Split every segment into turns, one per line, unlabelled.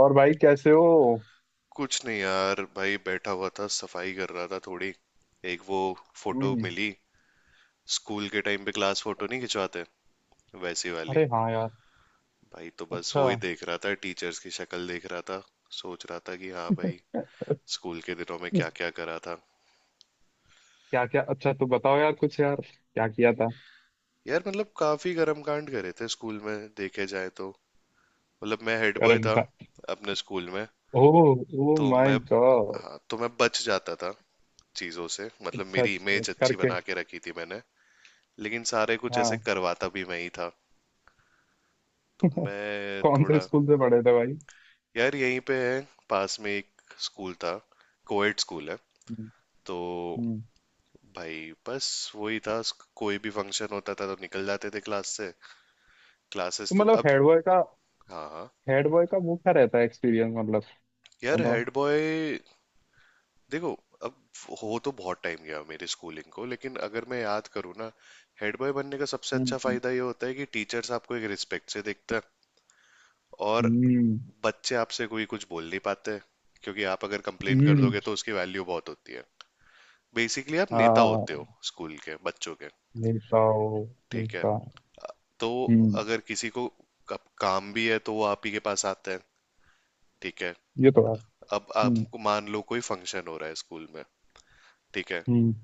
और भाई कैसे हो?
कुछ नहीं यार, भाई बैठा हुआ था, सफाई कर रहा था थोड़ी। एक वो फोटो
हम्म।
मिली। स्कूल के टाइम पे क्लास फोटो नहीं खिंचवाते, वैसी वाली।
अरे हाँ यार।
भाई तो बस
अच्छा।
वो ही देख रहा था, टीचर्स की शक्ल देख रहा था। सोच रहा था कि हाँ भाई, स्कूल के दिनों में क्या क्या करा था।
क्या क्या, अच्छा तो बताओ यार कुछ यार, क्या किया था?
यार मतलब काफी कर्म कांड करे थे स्कूल में, देखे जाए तो। मतलब मैं हेड बॉय
कर्म
था
का?
अपने स्कूल में।
ओह, ओ
तो मैं
माय गॉड।
हाँ तो मैं बच जाता था चीजों से। मतलब
अच्छा
मेरी
अच्छा
इमेज
अच्छा।
अच्छी
करके।
बना के रखी थी मैंने। लेकिन सारे कुछ ऐसे
हाँ।
करवाता भी मैं ही था। तो मैं
कौन से
थोड़ा।
स्कूल से पढ़े थे भाई?
यार यहीं पे है, पास में एक स्कूल था, कोएड स्कूल है।
हम्म।
तो
हम्म।
भाई बस वही था। कोई भी फंक्शन होता था तो निकल जाते थे क्लास से।
तो
क्लासेस तो
मतलब
अब।
हेड बॉय का।
हाँ हाँ।
हेड बॉय का वो क्या रहता है एक्सपीरियंस मतलब,
यार
बताओ।
हेड बॉय, देखो। अब, हो तो बहुत टाइम गया मेरी स्कूलिंग को, लेकिन अगर मैं याद करूँ ना, हेड बॉय बनने का सबसे अच्छा
हम्म।
फायदा ये होता है कि टीचर्स आपको एक रिस्पेक्ट से देखते हैं। और
हम्म।
बच्चे आपसे कोई कुछ बोल नहीं पाते, क्योंकि आप अगर कंप्लेन कर
हम्म,
दोगे तो उसकी वैल्यू बहुत होती है। बेसिकली आप नेता होते
हाँ।
हो स्कूल के बच्चों के।
नेता हो।
ठीक है।
नेता।
तो
हम्म।
अगर किसी को कब काम भी है तो वो आप ही के पास आते हैं। ठीक है।
ये तो है।
अब
हम्म।
आपको मान लो कोई फंक्शन हो रहा है स्कूल में। ठीक है।
हम्म।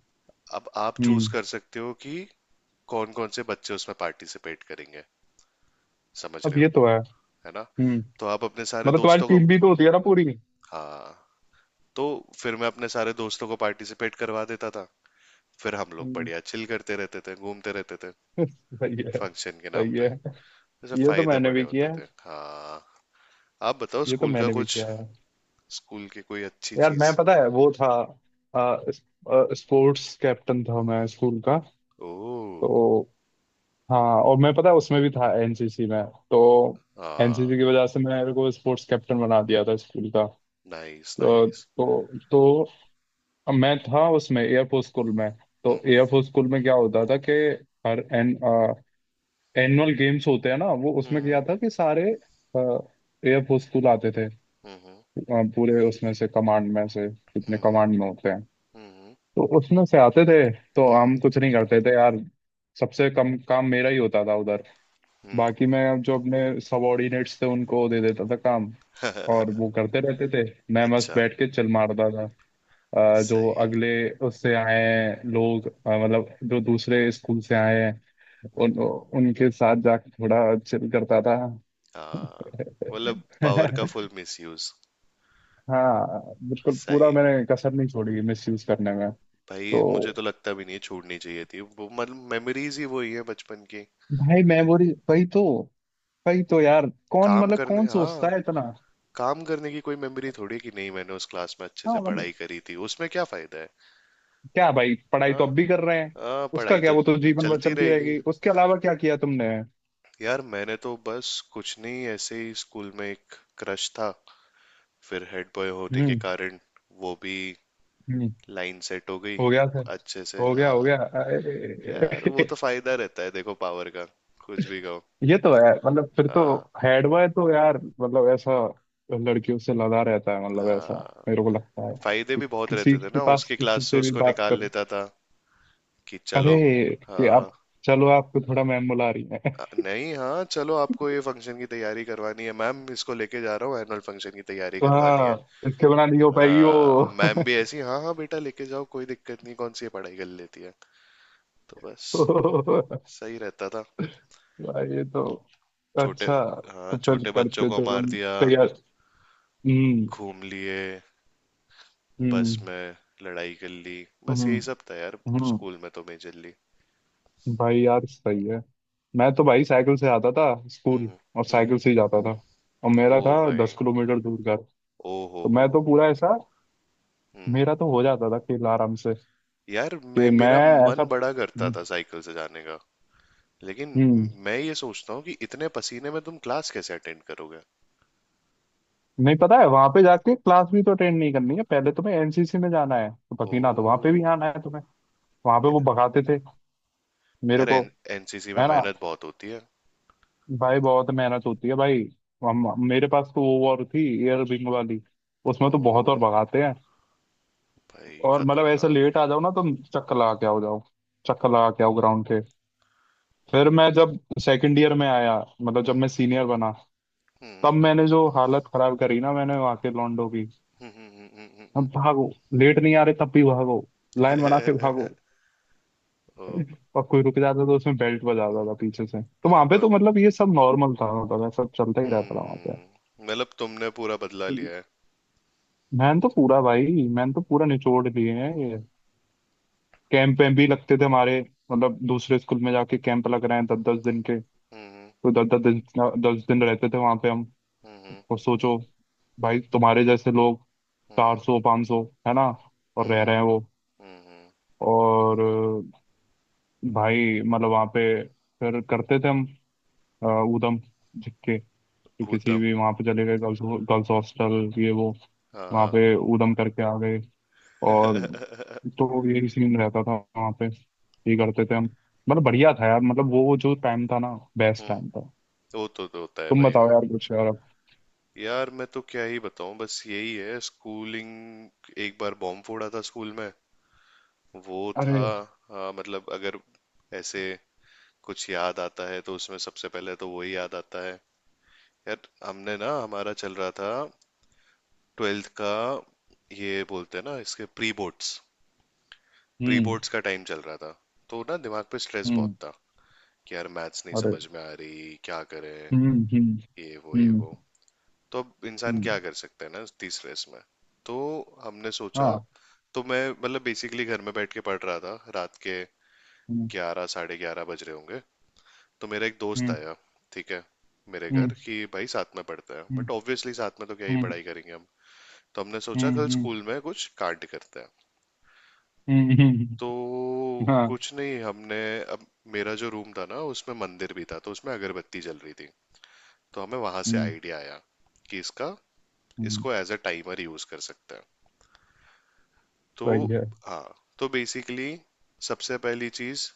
अब आप चूज
हम्म।
कर सकते हो कि कौन कौन से बच्चे उसमें पार्टिसिपेट करेंगे। समझ
अब
रहे
ये
हो,
तो है।
है ना।
हम्म।
तो आप अपने सारे
मतलब तुम्हारी
दोस्तों को।
टीम भी तो होती है ना पूरी।
हाँ। तो फिर मैं अपने सारे दोस्तों को पार्टिसिपेट करवा देता था। फिर हम लोग
हम्म।
बढ़िया चिल करते रहते थे, घूमते रहते थे,
सही है।
फंक्शन के नाम
सही
पे।
है।
जैसे
ये तो
फायदे
मैंने
बड़े
भी
होते
किया है।
थे, हाँ। आप बताओ
ये तो
स्कूल का
मैंने भी
कुछ,
किया है।
स्कूल की कोई अच्छी
यार मैं
चीज।
पता है वो था। अ, स- स्पोर्ट्स कैप्टन था मैं स्कूल का।
ओह,
तो हाँ, और मैं पता है उसमें भी था एनसीसी में। तो
हाँ,
एनसीसी की वजह से मेरे को स्पोर्ट्स कैप्टन बना दिया था स्कूल का।
नाइस
तो
नाइस।
तो मैं था उसमें एयरफोर्स स्कूल में। तो
हम्म
एयरफोर्स स्कूल में क्या होता था कि हर एन एनुअल गेम्स होते हैं ना, वो उसमें
हम्म
क्या था कि सारे एयर फोर्स आते थे।
हम्म हम्म
पूरे उसमें से कमांड में से जितने
हम्म
कमांड में होते हैं,
हम्म हम्म
तो उसमें से आते थे। तो
हम्म,
हम कुछ नहीं करते थे यार। सबसे कम काम मेरा ही होता था उधर।
हम्म, हम्म।
बाकी मैं जो अपने सबॉर्डिनेट्स थे उनको दे देता था काम, और वो करते रहते थे। मैं बस
अच्छा,
बैठ के चिल मारता था। जो
सही।
अगले उससे आए हैं लोग, मतलब जो दूसरे स्कूल से आए हैं, उन
हम्म,
उनके साथ जाके थोड़ा चिल करता था।
हाँ, मतलब पावर का
हाँ।
Full misuse.
बिल्कुल पूरा
सही।
मैंने कसर नहीं छोड़ी मिस यूज करने में। तो
भाई, मुझे तो लगता भी नहीं छोड़नी चाहिए थी वो, मतलब मेमोरीज ही वही है बचपन की।
भाई मेमोरी वही तो, वही तो यार, कौन
काम
मतलब
करने,
कौन सोचता है
हाँ।
इतना।
काम करने की कोई मेमोरी थोड़ी कि नहीं मैंने उस क्लास में अच्छे
हाँ
से
मतलब,
पढ़ाई करी थी, उसमें क्या फायदा है।
क्या भाई, पढ़ाई तो
हाँ
अब भी कर रहे हैं।
हाँ,
उसका
पढ़ाई
क्या,
तो
वो तो जीवन भर
चलती
चलती
रहेगी।
रहेगी, उसके अलावा क्या किया तुमने?
यार मैंने तो बस कुछ नहीं, ऐसे ही स्कूल में एक क्रश था, फिर हेड बॉय होने के
हम्म।
कारण वो भी
हम्म।
लाइन सेट हो गई
हो गया सर।
अच्छे से।
हो गया
हाँ
हो
हाँ।
गया,
यार वो
अरे!
तो फायदा रहता है देखो, पावर का, कुछ भी कहो।
ये तो है, मतलब फिर तो
हाँ
हेड बॉय तो यार मतलब ऐसा लड़कियों से लदा रहता है मतलब, ऐसा
हाँ।
मेरे को लगता है।
फायदे
कि
भी बहुत
किसी
रहते थे
के
ना,
पास
उसकी क्लास
किसी
से
से भी
उसको
बात
निकाल
कर।
लेता था कि
अरे
चलो,
कि आप,
हाँ।
चलो आपको थोड़ा मैम बुला रही है।
नहीं, हाँ चलो, आपको ये फंक्शन की तैयारी करवानी है मैम, इसको लेके जा रहा हूँ, एनुअल फंक्शन की तैयारी
तो
करवानी है।
हाँ, इसके बिना नहीं हो पाएगी वो।
हाँ, मैम भी ऐसी, हाँ हाँ बेटा लेके जाओ, कोई दिक्कत नहीं, कौन सी ये पढ़ाई कर लेती है। तो बस सही रहता था।
भाई ये तो।
छोटे,
अच्छा।
हाँ,
तो फिर
छोटे बच्चों
करते
को
तो
मार
हम।
दिया,
तैयार। हम्म।
घूम लिए बस
हम्म।
में, लड़ाई कर ली, बस
हम्म।
यही सब था यार,
हम्म।
स्कूल में तो मेजरली।
भाई यार सही है। मैं तो भाई साइकिल से आता था स्कूल,
हम्म
और
हम्म।
साइकिल से ही जाता था। और
ओ
मेरा था
भाई,
10 किलोमीटर दूर घर। तो
ओ हो हो।
मैं तो पूरा ऐसा,
हम्म।
मेरा तो हो जाता था खेल आराम से
यार मैं,
कि मैं
मेरा
ऐसा।
मन बड़ा करता
हम्म।
था साइकिल से जाने का, लेकिन
हम्म,
मैं ये सोचता हूँ कि इतने पसीने में तुम क्लास कैसे अटेंड करोगे।
नहीं, पता है वहां पे जाके क्लास भी तो अटेंड नहीं करनी है, पहले तुम्हें एनसीसी में जाना है, तो पकीना तो वहां पे भी
ओ
आना है तुम्हें। वहां पे वो भगाते थे मेरे
यार,
को।
एनसीसी में
है ना।
मेहनत बहुत होती है।
भाई बहुत मेहनत होती है भाई। हम मेरे पास तो वो वॉर थी, एयर विंग वाली। उसमें तो बहुत और
ओ
भगाते हैं।
भाई
और मतलब ऐसा
खतरनाक।
लेट आ जाओ ना तुम, चक्कर लगा के आओ जाओ, चक्कर लगा के आओ ग्राउंड के। फिर मैं जब सेकंड ईयर में आया, मतलब जब
हम्म,
मैं सीनियर बना,
हम्म,
तब मैंने जो हालत खराब करी ना मैंने वहां के लॉन्डो की।
हम्म, हम्म, हम्म, हम्म,
अब भागो, लेट नहीं आ रहे तब भी भागो, लाइन बना के भागो।
ओ।
और कोई रुक जाता तो उसमें बेल्ट बजाता था पीछे से। तो वहां पे
ब,
तो मतलब ये सब नॉर्मल था, मतलब ऐसा चलता ही रहता था वहां पे।
मतलब तुमने पूरा बदला लिया है।
मैंने तो पूरा भाई, मैंने तो पूरा निचोड़ लिए हैं ये। कैंप वैम्प भी लगते थे हमारे, मतलब दूसरे स्कूल में जाके कैंप लग रहे हैं दस दस दिन के।
हम्म
तो दस दस दिन, दस दिन रहते थे वहां पे हम।
हम्म
और सोचो, भाई तुम्हारे जैसे लोग चार
हम्म
सौ पाँच सौ है ना, और रह रहे
हम्म
हैं वो।
हम्म।
और भाई मतलब वहाँ पे फिर करते थे हम अ, उधम। जिसके कि किसी
हूतम।
भी वहाँ पे चले गए गर्ल्स, गर्ल्स हॉस्टल ये वो,
हाँ
वहाँ
हाँ।
पे उधम करके आ गए। और तो यही सीन रहता था वहाँ पे, ये करते थे हम। मतलब बढ़िया था यार, मतलब वो जो टाइम था ना, बेस्ट
हम्म,
टाइम था।
वो तो होता है
तुम
भाई वो।
बताओ यार कुछ यार अब।
यार मैं तो क्या ही बताऊं, बस यही है स्कूलिंग। एक बार बॉम्ब फोड़ा था स्कूल में, वो था।
अरे।
हाँ, मतलब अगर ऐसे कुछ याद आता है तो उसमें सबसे पहले तो वही याद आता है। यार, हमने ना, हमारा चल रहा था ट्वेल्थ का, ये बोलते हैं ना इसके प्री बोर्ड्स। प्री
हम्म।
बोर्ड्स का टाइम चल रहा था, तो ना दिमाग पे स्ट्रेस बहुत
हम्म।
था कि यार मैथ्स नहीं
अरे।
समझ में आ रही, क्या करें,
हम्म। हम्म।
ये वो ये वो।
हम्म।
तो अब इंसान
हम्म।
क्या कर सकता है ना इतनी स्ट्रेस में। तो हमने सोचा।
हाँ।
तो मैं, मतलब बेसिकली घर में बैठ के पढ़ रहा था, रात के
हम्म।
11 11:30 बज रहे होंगे। तो मेरा एक दोस्त
हम्म।
आया, ठीक है, मेरे
हम्म।
घर, कि भाई साथ में पढ़ते हैं, बट
हम्म।
ऑब्वियसली साथ में तो क्या ही
हम्म।
पढ़ाई करेंगे हम। तो हमने सोचा कल
हम्म।
स्कूल में कुछ कार्ड करते हैं।
हम्म, हम्म,
तो
हाँ।
कुछ नहीं, हमने, अब मेरा जो रूम था ना, उसमें मंदिर भी था, तो उसमें अगरबत्ती जल रही थी, तो हमें वहां से
हम्म।
आइडिया आया कि इसका,
हम्म।
इसको एज अ टाइमर यूज कर सकते हैं। तो
सही है।
हाँ, तो बेसिकली सबसे पहली चीज,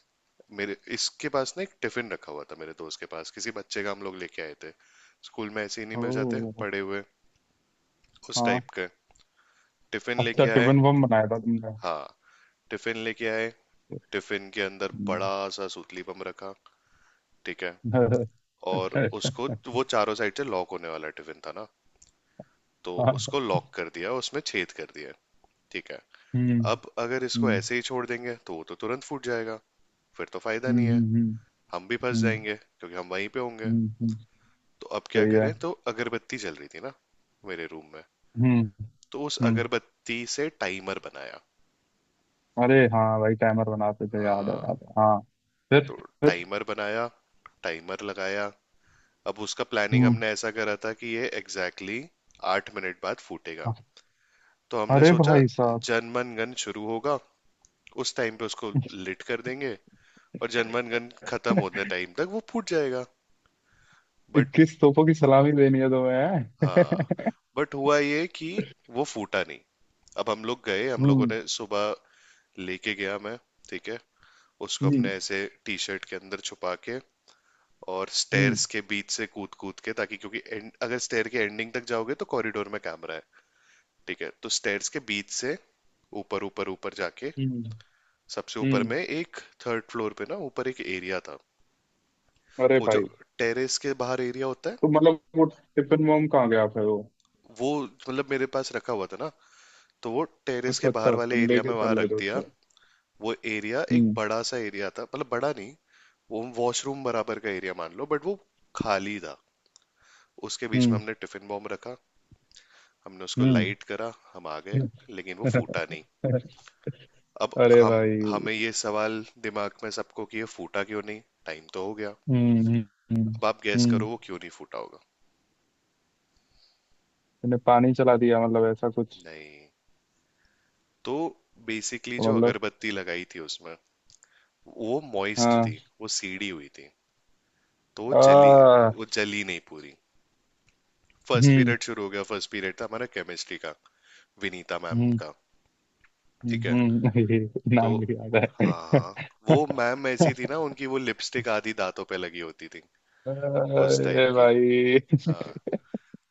मेरे इसके पास ना एक टिफिन रखा हुआ था, मेरे दोस्त के पास, किसी बच्चे का हम लोग लेके आए थे। स्कूल में ऐसे ही नहीं मिल जाते
ओ।
पड़े हुए उस
हाँ।
टाइप के। टिफिन
अच्छा,
लेके आए।
टिफिन बम बनाया था तुमने?
हाँ, टिफिन लेके आए। टिफिन के अंदर
हम्म।
बड़ा सा सूतली बम रखा। ठीक है, और
अच्छा अच्छा
उसको,
अच्छा।
वो चारों साइड से लॉक होने वाला टिफिन था ना, तो
हाँ।
उसको लॉक कर दिया, उसमें छेद कर दिया। ठीक है,
हम्म।
अब अगर इसको
हम्म।
ऐसे ही छोड़ देंगे तो वो तो तुरंत फूट जाएगा, फिर तो फायदा
हम्म।
नहीं है,
हम्म। हम्म।
हम भी फंस
हम्म,
जाएंगे क्योंकि हम वहीं पे होंगे।
हम्म।
तो अब क्या
सही है।
करें, तो अगरबत्ती जल रही थी ना मेरे रूम में,
हम्म।
तो उस
हम्म।
अगरबत्ती से टाइमर बनाया।
अरे हाँ भाई, टाइमर बनाते थे, याद है,
हाँ,
याद है, हाँ। फिर?
तो
फिर?
टाइमर बनाया, टाइमर लगाया। अब उसका प्लानिंग
हम्म।
हमने ऐसा करा था कि ये एग्जैक्टली exactly 8 मिनट बाद फूटेगा। तो हमने
अरे
सोचा
भाई साहब!
जनमन गन शुरू होगा, उस टाइम पे उसको लिट कर देंगे, और जनमन गन खत्म होने टाइम तक वो फूट जाएगा, बट।
21 तोपों की सलामी देनी है तुम्हें।
हाँ, बट हुआ ये कि वो फूटा नहीं। अब हम लोग गए, हम लोगों
हम्म।
ने सुबह, लेके गया मैं, ठीक है, उसको
हम्म।
अपने ऐसे टी शर्ट के अंदर छुपा के, और
हम्म।
स्टेयर्स के बीच से कूद कूद के, ताकि अगर स्टेयर के एंडिंग तक जाओगे तो कॉरिडोर में कैमरा है, ठीक है, तो स्टेयर्स के बीच से ऊपर ऊपर ऊपर जाके
हम्म।
सबसे ऊपर
हम्म।
में एक, थर्ड फ्लोर पे ना ऊपर एक एरिया था,
अरे
वो जो
भाई,
टेरेस के बाहर एरिया होता
तो मतलब वो टिफिन बम कहाँ गया फिर वो?
है, वो मतलब मेरे पास रखा हुआ था ना, तो वो टेरेस के
अच्छा
बाहर
अच्छा, तुम
वाले एरिया में
लेके
वहां
चल
रख
रहे थे
दिया।
उसको।
वो एरिया एक
हम्म।
बड़ा सा एरिया था, मतलब बड़ा नहीं, वो वॉशरूम बराबर का एरिया मान लो, बट वो खाली था। उसके बीच में
हम्म।
हमने टिफिन बॉम्ब रखा। हमने उसको
हम्म।
लाइट करा, हम आ गए, लेकिन वो फूटा नहीं। अब
अरे
हम,
भाई।
हमें ये सवाल दिमाग में सबको कि ये फूटा क्यों नहीं, टाइम तो हो गया।
हम्म। हम्म। हम्म।
अब आप गैस
हम्म।
करो वो क्यों नहीं फूटा होगा।
मैंने पानी चला दिया मतलब ऐसा कुछ?
नहीं, तो बेसिकली
तो
जो
मतलब?
अगरबत्ती लगाई थी उसमें, वो मॉइस्ट
हाँ।
थी, वो सीडी हुई थी, तो वो जली,
आ।
वो जली नहीं पूरी। फर्स्ट
हम्म।
पीरियड शुरू हो गया, फर्स्ट पीरियड था हमारा केमिस्ट्री का, विनीता मैम
हम्म।
का। ठीक
हम्म।
है, तो
नाम भी याद
हाँ
है।
हाँ, वो मैम ऐसी थी ना, उनकी वो लिपस्टिक आधी दांतों पे लगी होती थी, उस टाइप
अरे
की,
भाई।
हाँ,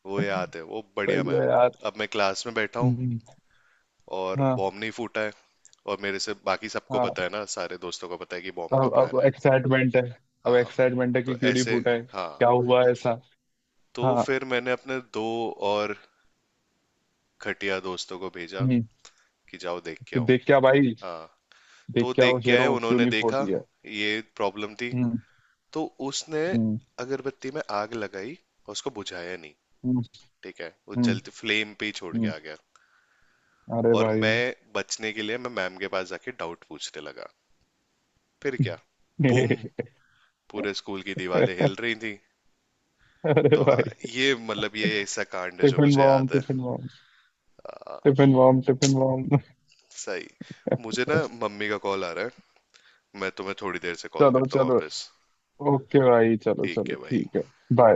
वो याद है वो, बढ़िया
सही है
मैम।
यार।
अब मैं क्लास में बैठा हूँ,
हम्म,
और
हाँ।
बॉम्ब नहीं फूटा है, और मेरे से बाकी सबको पता
हाँ।
है ना, सारे दोस्तों को पता है कि बॉम्ब का प्लान
अब
है।
एक्साइटमेंट है। अब
हाँ,
एक्साइटमेंट है
तो
कि क्यों नहीं
ऐसे,
फूटा है,
हाँ,
क्या हुआ ऐसा।
तो
हाँ।
फिर मैंने अपने दो और खटिया दोस्तों को भेजा
हम्म।
कि जाओ देख के
कि
आओ।
देख क्या भाई,
हाँ,
देख
तो
क्या हो
देख के आए,
शेरों, क्यों
उन्होंने
नहीं
देखा
फोड़ती है।
ये प्रॉब्लम थी।
हम्म।
तो उसने
हम्म।
अगरबत्ती में आग लगाई, और उसको बुझाया नहीं।
हम्म।
ठीक है, वो
हम्म।
जलते फ्लेम पे ही छोड़ के
हम्म।
आ गया।
अरे
और
भाई।
मैं बचने के लिए मैं मैम के पास जाके डाउट पूछने लगा। फिर क्या, बूम, पूरे स्कूल की दीवारें हिल रही थी।
अरे
तो हाँ,
भाई।
ये मतलब ये ऐसा कांड है जो
टिफिन
मुझे
बॉम्ब,
याद है।
Tiffin bomb.
आ,
टिफिन बॉम्ब, टिफिन बॉम्ब।
सही। मुझे ना मम्मी का कॉल आ रहा है, मैं तुम्हें थोड़ी देर से कॉल
चलो
करता हूँ
चलो,
वापस।
ओके भाई, चलो
ठीक
चलो
है भाई।
ठीक है। बाय।